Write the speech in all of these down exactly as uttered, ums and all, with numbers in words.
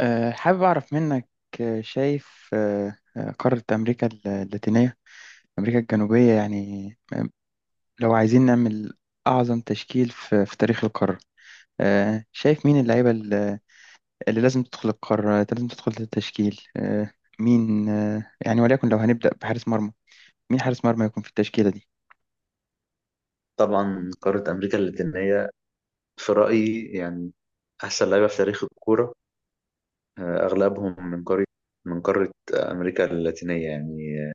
آه، حابب أعرف منك. آه، شايف آه، آه، قارة أمريكا اللاتينية، أمريكا الجنوبية يعني. آه، لو عايزين نعمل أعظم تشكيل في في تاريخ القارة، آه، شايف مين اللعيبة اللي اللي لازم تدخل القارة، لازم تدخل التشكيل. آه، مين، آه، يعني وليكن لو هنبدأ بحارس مرمى، مين حارس مرمى يكون في التشكيلة دي؟ طبعا قارة أمريكا اللاتينية في رأيي يعني أحسن لعيبة في تاريخ الكورة. آه، أغلبهم من قارة من قارة أمريكا اللاتينية يعني. آه،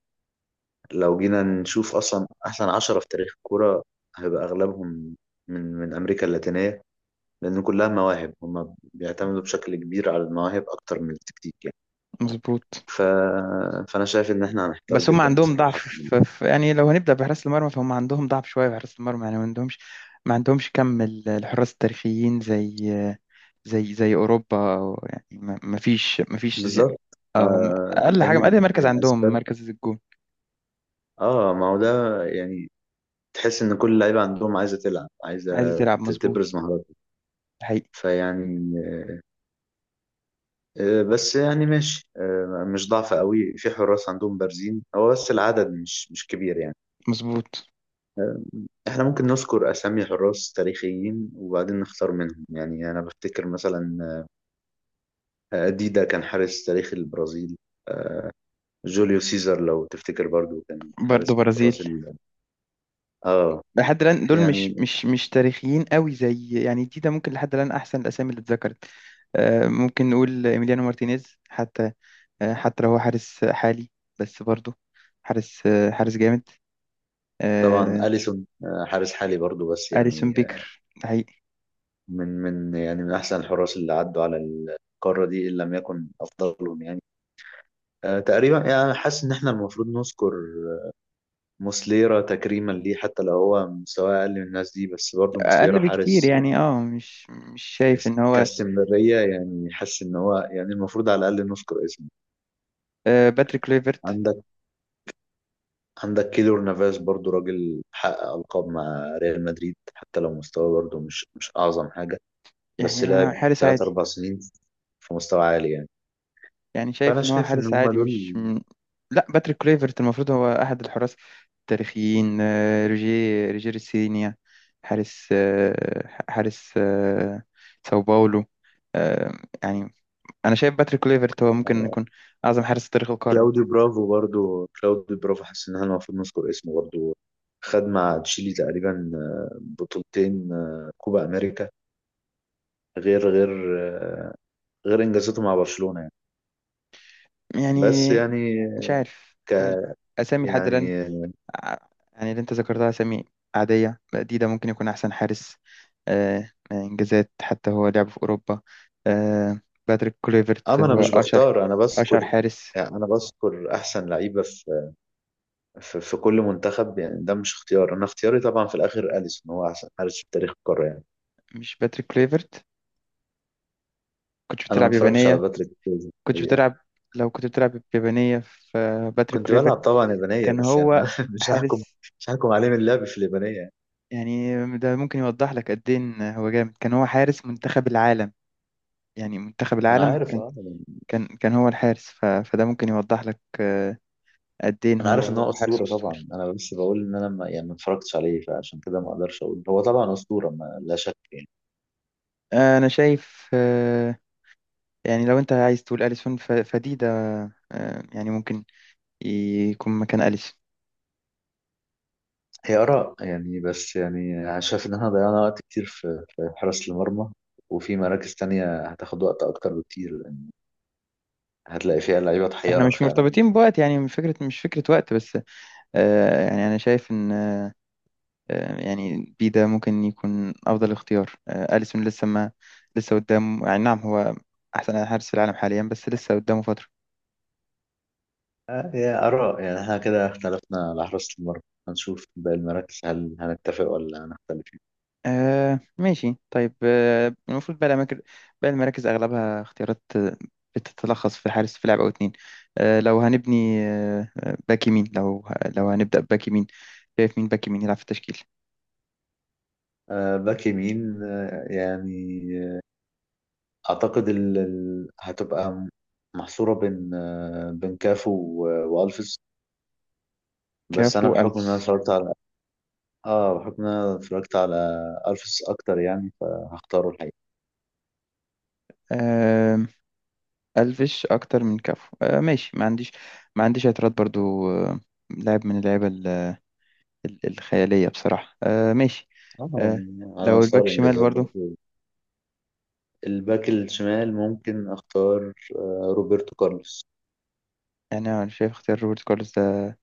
لو جينا نشوف أصلا أحسن عشرة في تاريخ الكورة هيبقى أغلبهم من من أمريكا اللاتينية، لأن كلها مواهب، هما بيعتمدوا بشكل كبير على المواهب أكتر من التكتيك يعني. مظبوط. ف... فأنا شايف إن إحنا هنحتار بس هم جدا عندهم ضعف بصراحة في الموضوع. في في- يعني لو هنبدأ بحراس المرمى، فهم عندهم ضعف شوية بحراس المرمى، يعني ما عندهمش ما عندهمش كم ال- الحراس التاريخيين زي زي زي أوروبا، أو يعني ما ما فيش ما فيش زي- بالظبط. آه، أقل ده حاجة، من أقل مركز من عندهم أسباب. مركز الجون. آه ما هو ده يعني، تحس ان كل اللعيبه عندهم عايزه تلعب، عايزه عايز تلعب، ت- تبرز مظبوط. مهاراتها، حقيقي. فيعني آه، بس يعني ماشي، آه، مش ضعف قوي في حراس، عندهم بارزين، هو بس العدد مش مش كبير يعني. مظبوط. آه، احنا ممكن نذكر اسامي حراس تاريخيين وبعدين نختار منهم، يعني انا بفتكر مثلا آه، ديدا كان حارس تاريخي البرازيل، جوليو سيزار لو تفتكر برضو كان برضه حارس من الحراس برازيل. ال- اه لحد الآن دول مش يعني. مش مش تاريخيين قوي زي، يعني دي ده ممكن لحد الآن أحسن الأسامي اللي اتذكرت. آه، ممكن نقول إيميليانو مارتينيز حتى، آه، حتى لو هو حارس حالي، بس برضه حارس آه، حارس جامد. طبعا آه، اليسون آه، حارس حالي برضو، بس أليسون يعني بيكر ده حقيقي. من من يعني من احسن الحراس اللي عدوا على القاره دي ان لم يكن افضلهم يعني. آه، تقريبا يعني حاسس ان احنا المفروض نذكر موسليرا تكريما ليه، حتى لو هو مستواه اقل من الناس دي، بس برضه أقل موسليرا بكتير، حارس يعني اه مش مش شايف إن هو كاستمراريه، يعني حاسس ان هو يعني المفروض على الاقل نذكر اسمه. آه، باتريك كليفرت. عندك عندك كيلور نافاس برضه، راجل حقق القاب مع ريال مدريد حتى لو مستواه برضه مش مش اعظم حاجه، بس يعني آه، لعب حارس ثلاث عادي. اربعة سنين في مستوى عالي يعني، يعني فانا شايف إن هو شايف ان حارس هم عادي، دول. مش م- لا، باتريك كليفرت المفروض هو أحد الحراس التاريخيين. آه، روجيه روجير سينيا، حارس، آه، حارس آه، ساو باولو. آه، يعني أنا شايف باتريك كليفرت هو ممكن يكون أعظم حارس في تاريخ القارة. كلاوديو برافو برضو، كلاوديو برافو حاسس ان احنا المفروض نذكر اسمه برضو، خد مع تشيلي تقريبا آه، بطولتين، آه، كوبا امريكا، غير غير آه، غير انجازاته مع برشلونة يعني. يعني بس يعني مش عارف ك أسامي لحد الآن. يعني ع- يعني اللي أنت ذكرتها أسامي عادية، ديدا ممكن يكون أحسن حارس آه، إنجازات، حتى هو لعب في أوروبا. آه، باتريك كليفرت اما انا هو مش أشهر بختار، انا أشهر بذكر، حارس. يعني انا بذكر احسن لعيبة في في, في كل منتخب، يعني ده مش اختيار، انا اختياري طبعا في الاخر اليسون هو احسن حارس في تاريخ القارة يعني. مش باتريك كليفرت؟ كنت انا ما بتلعب اتفرجتش على يابانية. باتريك فيز، كنت بتلعب، لو كنت بتلعب يابانية، في باتريك كنت بلعب كليفرت طبعا يابانية، كان بس يعني أنا هو مش هحكم حارس. مش هحكم عليه من اللعب في اليابانية يعني. يعني ده ممكن يوضح لك قد إيه إن هو جامد، كان هو حارس منتخب العالم، يعني منتخب ما انا العالم. عارف اه يعني، كان كان هو الحارس، ف... فده ممكن يوضح لك آه، قد ايه انا هو عارف ان هو هو حارس اسطوره اسطوري. طبعا، انا بس بقول ان انا ما يعني ما اتفرجتش عليه، فعشان كده ما اقدرش اقول. هو طبعا اسطوره ما لا شك يعني. آه، انا شايف آه، يعني لو انت عايز تقول اليسون، ف... فدي ده آه، يعني ممكن يكون مكان اليسون. هي اراء يعني، بس يعني أنا شايف ان احنا ضيعنا وقت كتير في في حراسه المرمى، وفي مراكز تانية هتاخد وقت اكتر بكتير يعني، هتلاقي فيها لعيبه احنا تحيرك مش فعلا. مرتبطين بوقت، يعني مش فكره مش فكره وقت بس. آه، يعني انا شايف ان آه، آه، يعني بي ده ممكن يكون افضل اختيار. آه، اليسون لسه ما لسه قدام يعني. نعم، هو احسن حارس في العالم حاليا، بس لسه قدامه فتره. آه، هي اراء يعني، احنا كده اختلفنا على حراسه المرمى، هنشوف باقي المراكز هل هنتفق ولا هنختلف يعني. آه ماشي، طيب. آه المفروض بقى الأماكن بقى المراكز أغلبها اختيارات، آه، بتتلخص في حارس في لاعب أو اتنين. آه لو هنبني، آه آه، باك يمين، لو لو هنبدأ بباك يمين، شايف مين باك يمين يلعب في التشكيل؟ آه، باك يمين، آه، يعني اعتقد ال... ال- هتبقى م- محصوره بين آه، بين كافو و- والفيس، بس انا كافو، بحكم ان انا ألفش. اتفرجت على اه بحكم ان انا اتفرجت على الفيس اكتر يعني، فهختاره الحقيقه. آه ألفش أكتر من كافو. آه ماشي، ما عنديش ما عنديش اعتراض برضو. آه لاعب من اللعيبة ال- ال- الخيالية بصراحة. آه ماشي. اه، آه على لو مستوى الباك شمال الانجازات برضو، برضه. الباك الشمال ممكن اختار آه، روبرتو كارلوس. يعني أنا شايف اختيار روبرت كارلوس ده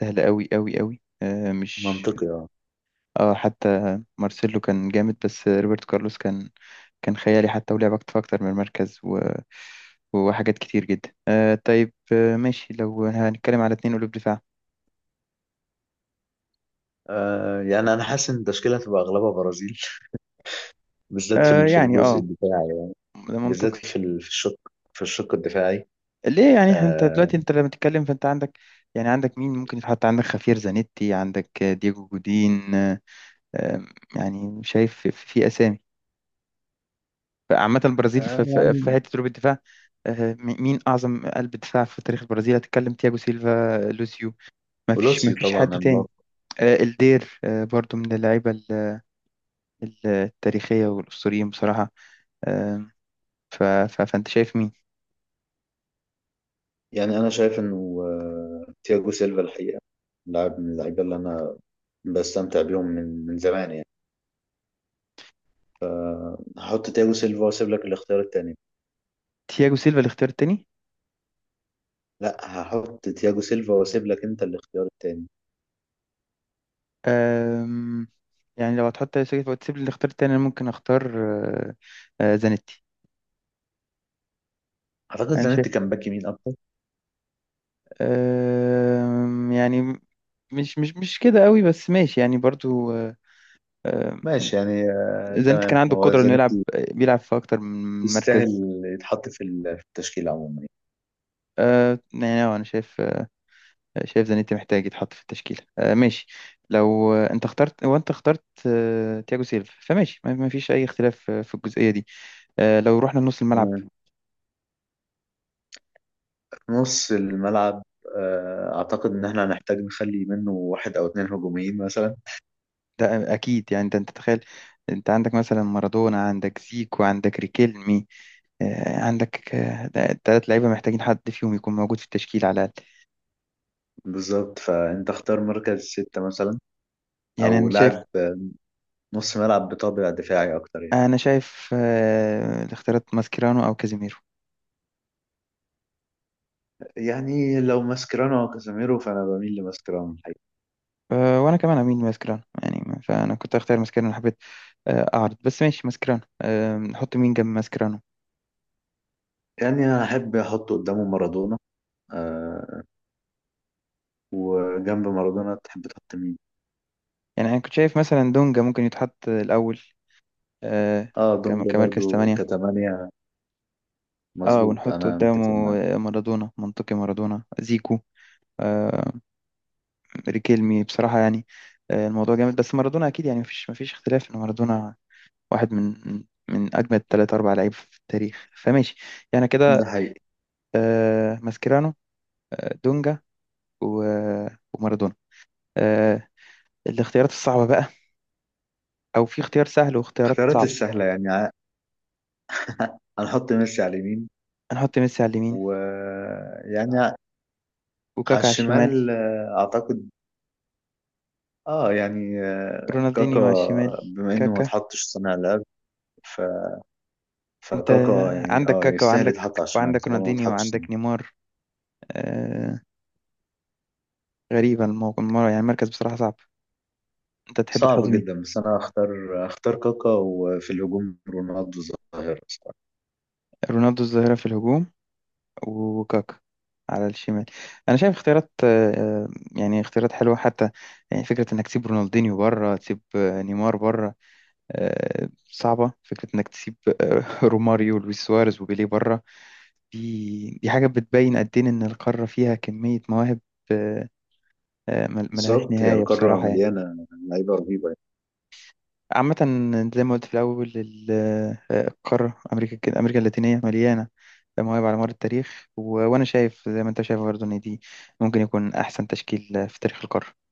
سهل أوي أوي أوي. آه، مش منطقي. اه اه حتى مارسيلو كان جامد، بس روبرت كارلوس كان كان خيالي، حتى ولعب أكتر أكتر من المركز و... وحاجات كتير جدا. آه طيب، آه ماشي، لو هنتكلم على اتنين قلوب دفاع. آه، يعني انا حاسس ان التشكيله هتبقى اغلبها برازيل، بالذات في آه ال- في يعني الجزء اه الدفاعي، ده بالذات منطقي. في ال- في الشق، في الشق الدفاعي. ليه يعني، إحنا- انت آه، دلوقتي، انت لما تتكلم فانت عندك، يعني عندك مين ممكن يتحط، عندك خافير زانيتي، عندك آه، دييجو جودين. آه آم، يعني شايف في, في اسامي عامة البرازيل في, في, في آم، حتة قلوب الدفاع. آه، م- مين أعظم قلب دفاع في تاريخ البرازيل؟ هتتكلم تياجو سيلفا، لوسيو، ما فيش ما ولوسيو فيش حد طبعا، تاني. امبابي. آه، الدير آه، برضو من اللعيبة ال- ال- التاريخية والأسطوريين بصراحة. آم، ف- ف- فأنت شايف مين؟ يعني انا شايف انه آه، تياجو سيلفا الحقيقه لاعب من اللعيبه اللي انا بستمتع بيهم من من زمان يعني، هحط تياجو سيلفا واسيب لك الاختيار التاني. تياجو سيلفا الاختيار التاني. لا، هحط تياجو سيلفا واسيب لك انت الاختيار التاني. آم، يعني لو هتحط تياجو سيلفا وتسيب لي الاختيار التاني، أنا ممكن أختار آه، آه، زانيتي. اعتقد أنا زانيتي شايف كان باك يمين اكتر. آم، يعني مش مش مش كده قوي، بس ماشي يعني برضو. آه، آه، ماشي يعني. آه، زينتي كان تمام، عنده هو القدرة إنه يلعب زانيتي بيلعب في أكتر من مركز. يستاهل يتحط في ال- في التشكيل عموما يعني. آه يعني أنا شايف شايف زانيتي محتاج يتحط في التشكيلة. آه ماشي، لو آه، أنت اخترت هو أنت اخترت آه تياجو سيلفا فماشي، ما ما فيش أي اختلاف في في الجزئية دي. آه لو رحنا لنص الملعب، تمام. في نص الملعب آه، اعتقد ان احنا هنحتاج نخلي منه واحد او اتنين هجوميين مثلا. ده أكيد. يعني ده، أنت تخيل، أنت عندك مثلا مارادونا، عندك زيكو، عندك ريكيلمي. آه عندك، آه ده- تلات لعيبة محتاجين حد فيهم يكون موجود في التشكيل على الأقل. بالظبط، فانت اختار مركز ستة مثلا يعني او أنا شايف، لاعب نص ملعب بطابع دفاعي اكتر يعني. أنا شايف آه الاختيارات ماسكيرانو أو كازيميرو. يعني لو ماسكيرانو او كازاميرو فانا بميل لماسكيرانو الحقيقة. أه وانا كمان اميل ماسكران يعني، ما- فانا كنت اختار ماسكرانو، حبيت أه، اعرض. بس ماشي ماسكرانو، أه نحط مين جنب ماسكرانو؟ يعني انا احب احط قدامه مارادونا، آه وجنب مارادونا تحب تحط مين؟ يعني انا كنت شايف مثلا دونجا ممكن يتحط الاول. أه اه، كم- دونجا كمركز برضو ثمانية. كتمانية. اه مظبوط، ونحط انا قدامه متفق معاك. أه، مارادونا، منطقي مارادونا، زيكو، أه ريكيلمي بصراحة. يعني أه الموضوع جامد، بس مارادونا اكيد، يعني مفيش مفيش اختلاف ان مارادونا واحد من من من اجمد ثلاث اربع لعيب في التاريخ، فماشي. يعني ده كده، حقيقي. أه ماسكرانو، أه دونجا، و- ومارادونا. آه، الاختيارات الصعبة بقى، أو في اختيار سهل واختيارات اختيارات صعبة. السهلة يعني، ع- هنحط ميسي على اليمين، هنحط ميسي على اليمين، ويعني على وكاكا على الشمال. الشمال آه، اعتقد. اه يعني آه، كاكا، رونالدينيو على الشمال؟ بما انه ما كاكا. اتحطش صانع لعب. ف... أنت فكاكا يعني عندك اه كاكا، يستاهل وعندك يتحط على الشمال وعندك طالما ما رونالدينيو، اتحطش صانع. وعندك نيمار. آه... غريبة الموقف المرة، يعني المركز بصراحة صعب، أنت تحب تحط صعب مين؟ جدا، بس انا هختار هختار كاكا، وفي الهجوم رونالدو ظاهرة صراحة. رونالدو الظاهرة في الهجوم، وكاكا على الشمال. أنا شايف اختيارات، آه... آه، يعني اختيارات حلوة حتى. يعني فكرة إنك تسيب رونالدينيو بره، تسيب آه، نيمار بره، آه، صعبة. فكرة إنك تسيب آه، روماريو ولويس سواريز وبيليه بره، دي دي حاجة بتبين قد إيه إن القارة فيها كمية مواهب آه، آه، مل- ملهاش بالظبط، هي نهاية القارة بصراحة يعني. مليانة لعيبة رهيبة عامة، زي ما قلت في الأول، ال- آه، القارة أمريكا أمريكا اللاتينية مليانة مواهب على مر التاريخ، و- وأنا شايف زي ما أنت شايف برضه إن دي ممكن يكون أحسن تشكيل في تاريخ القارة.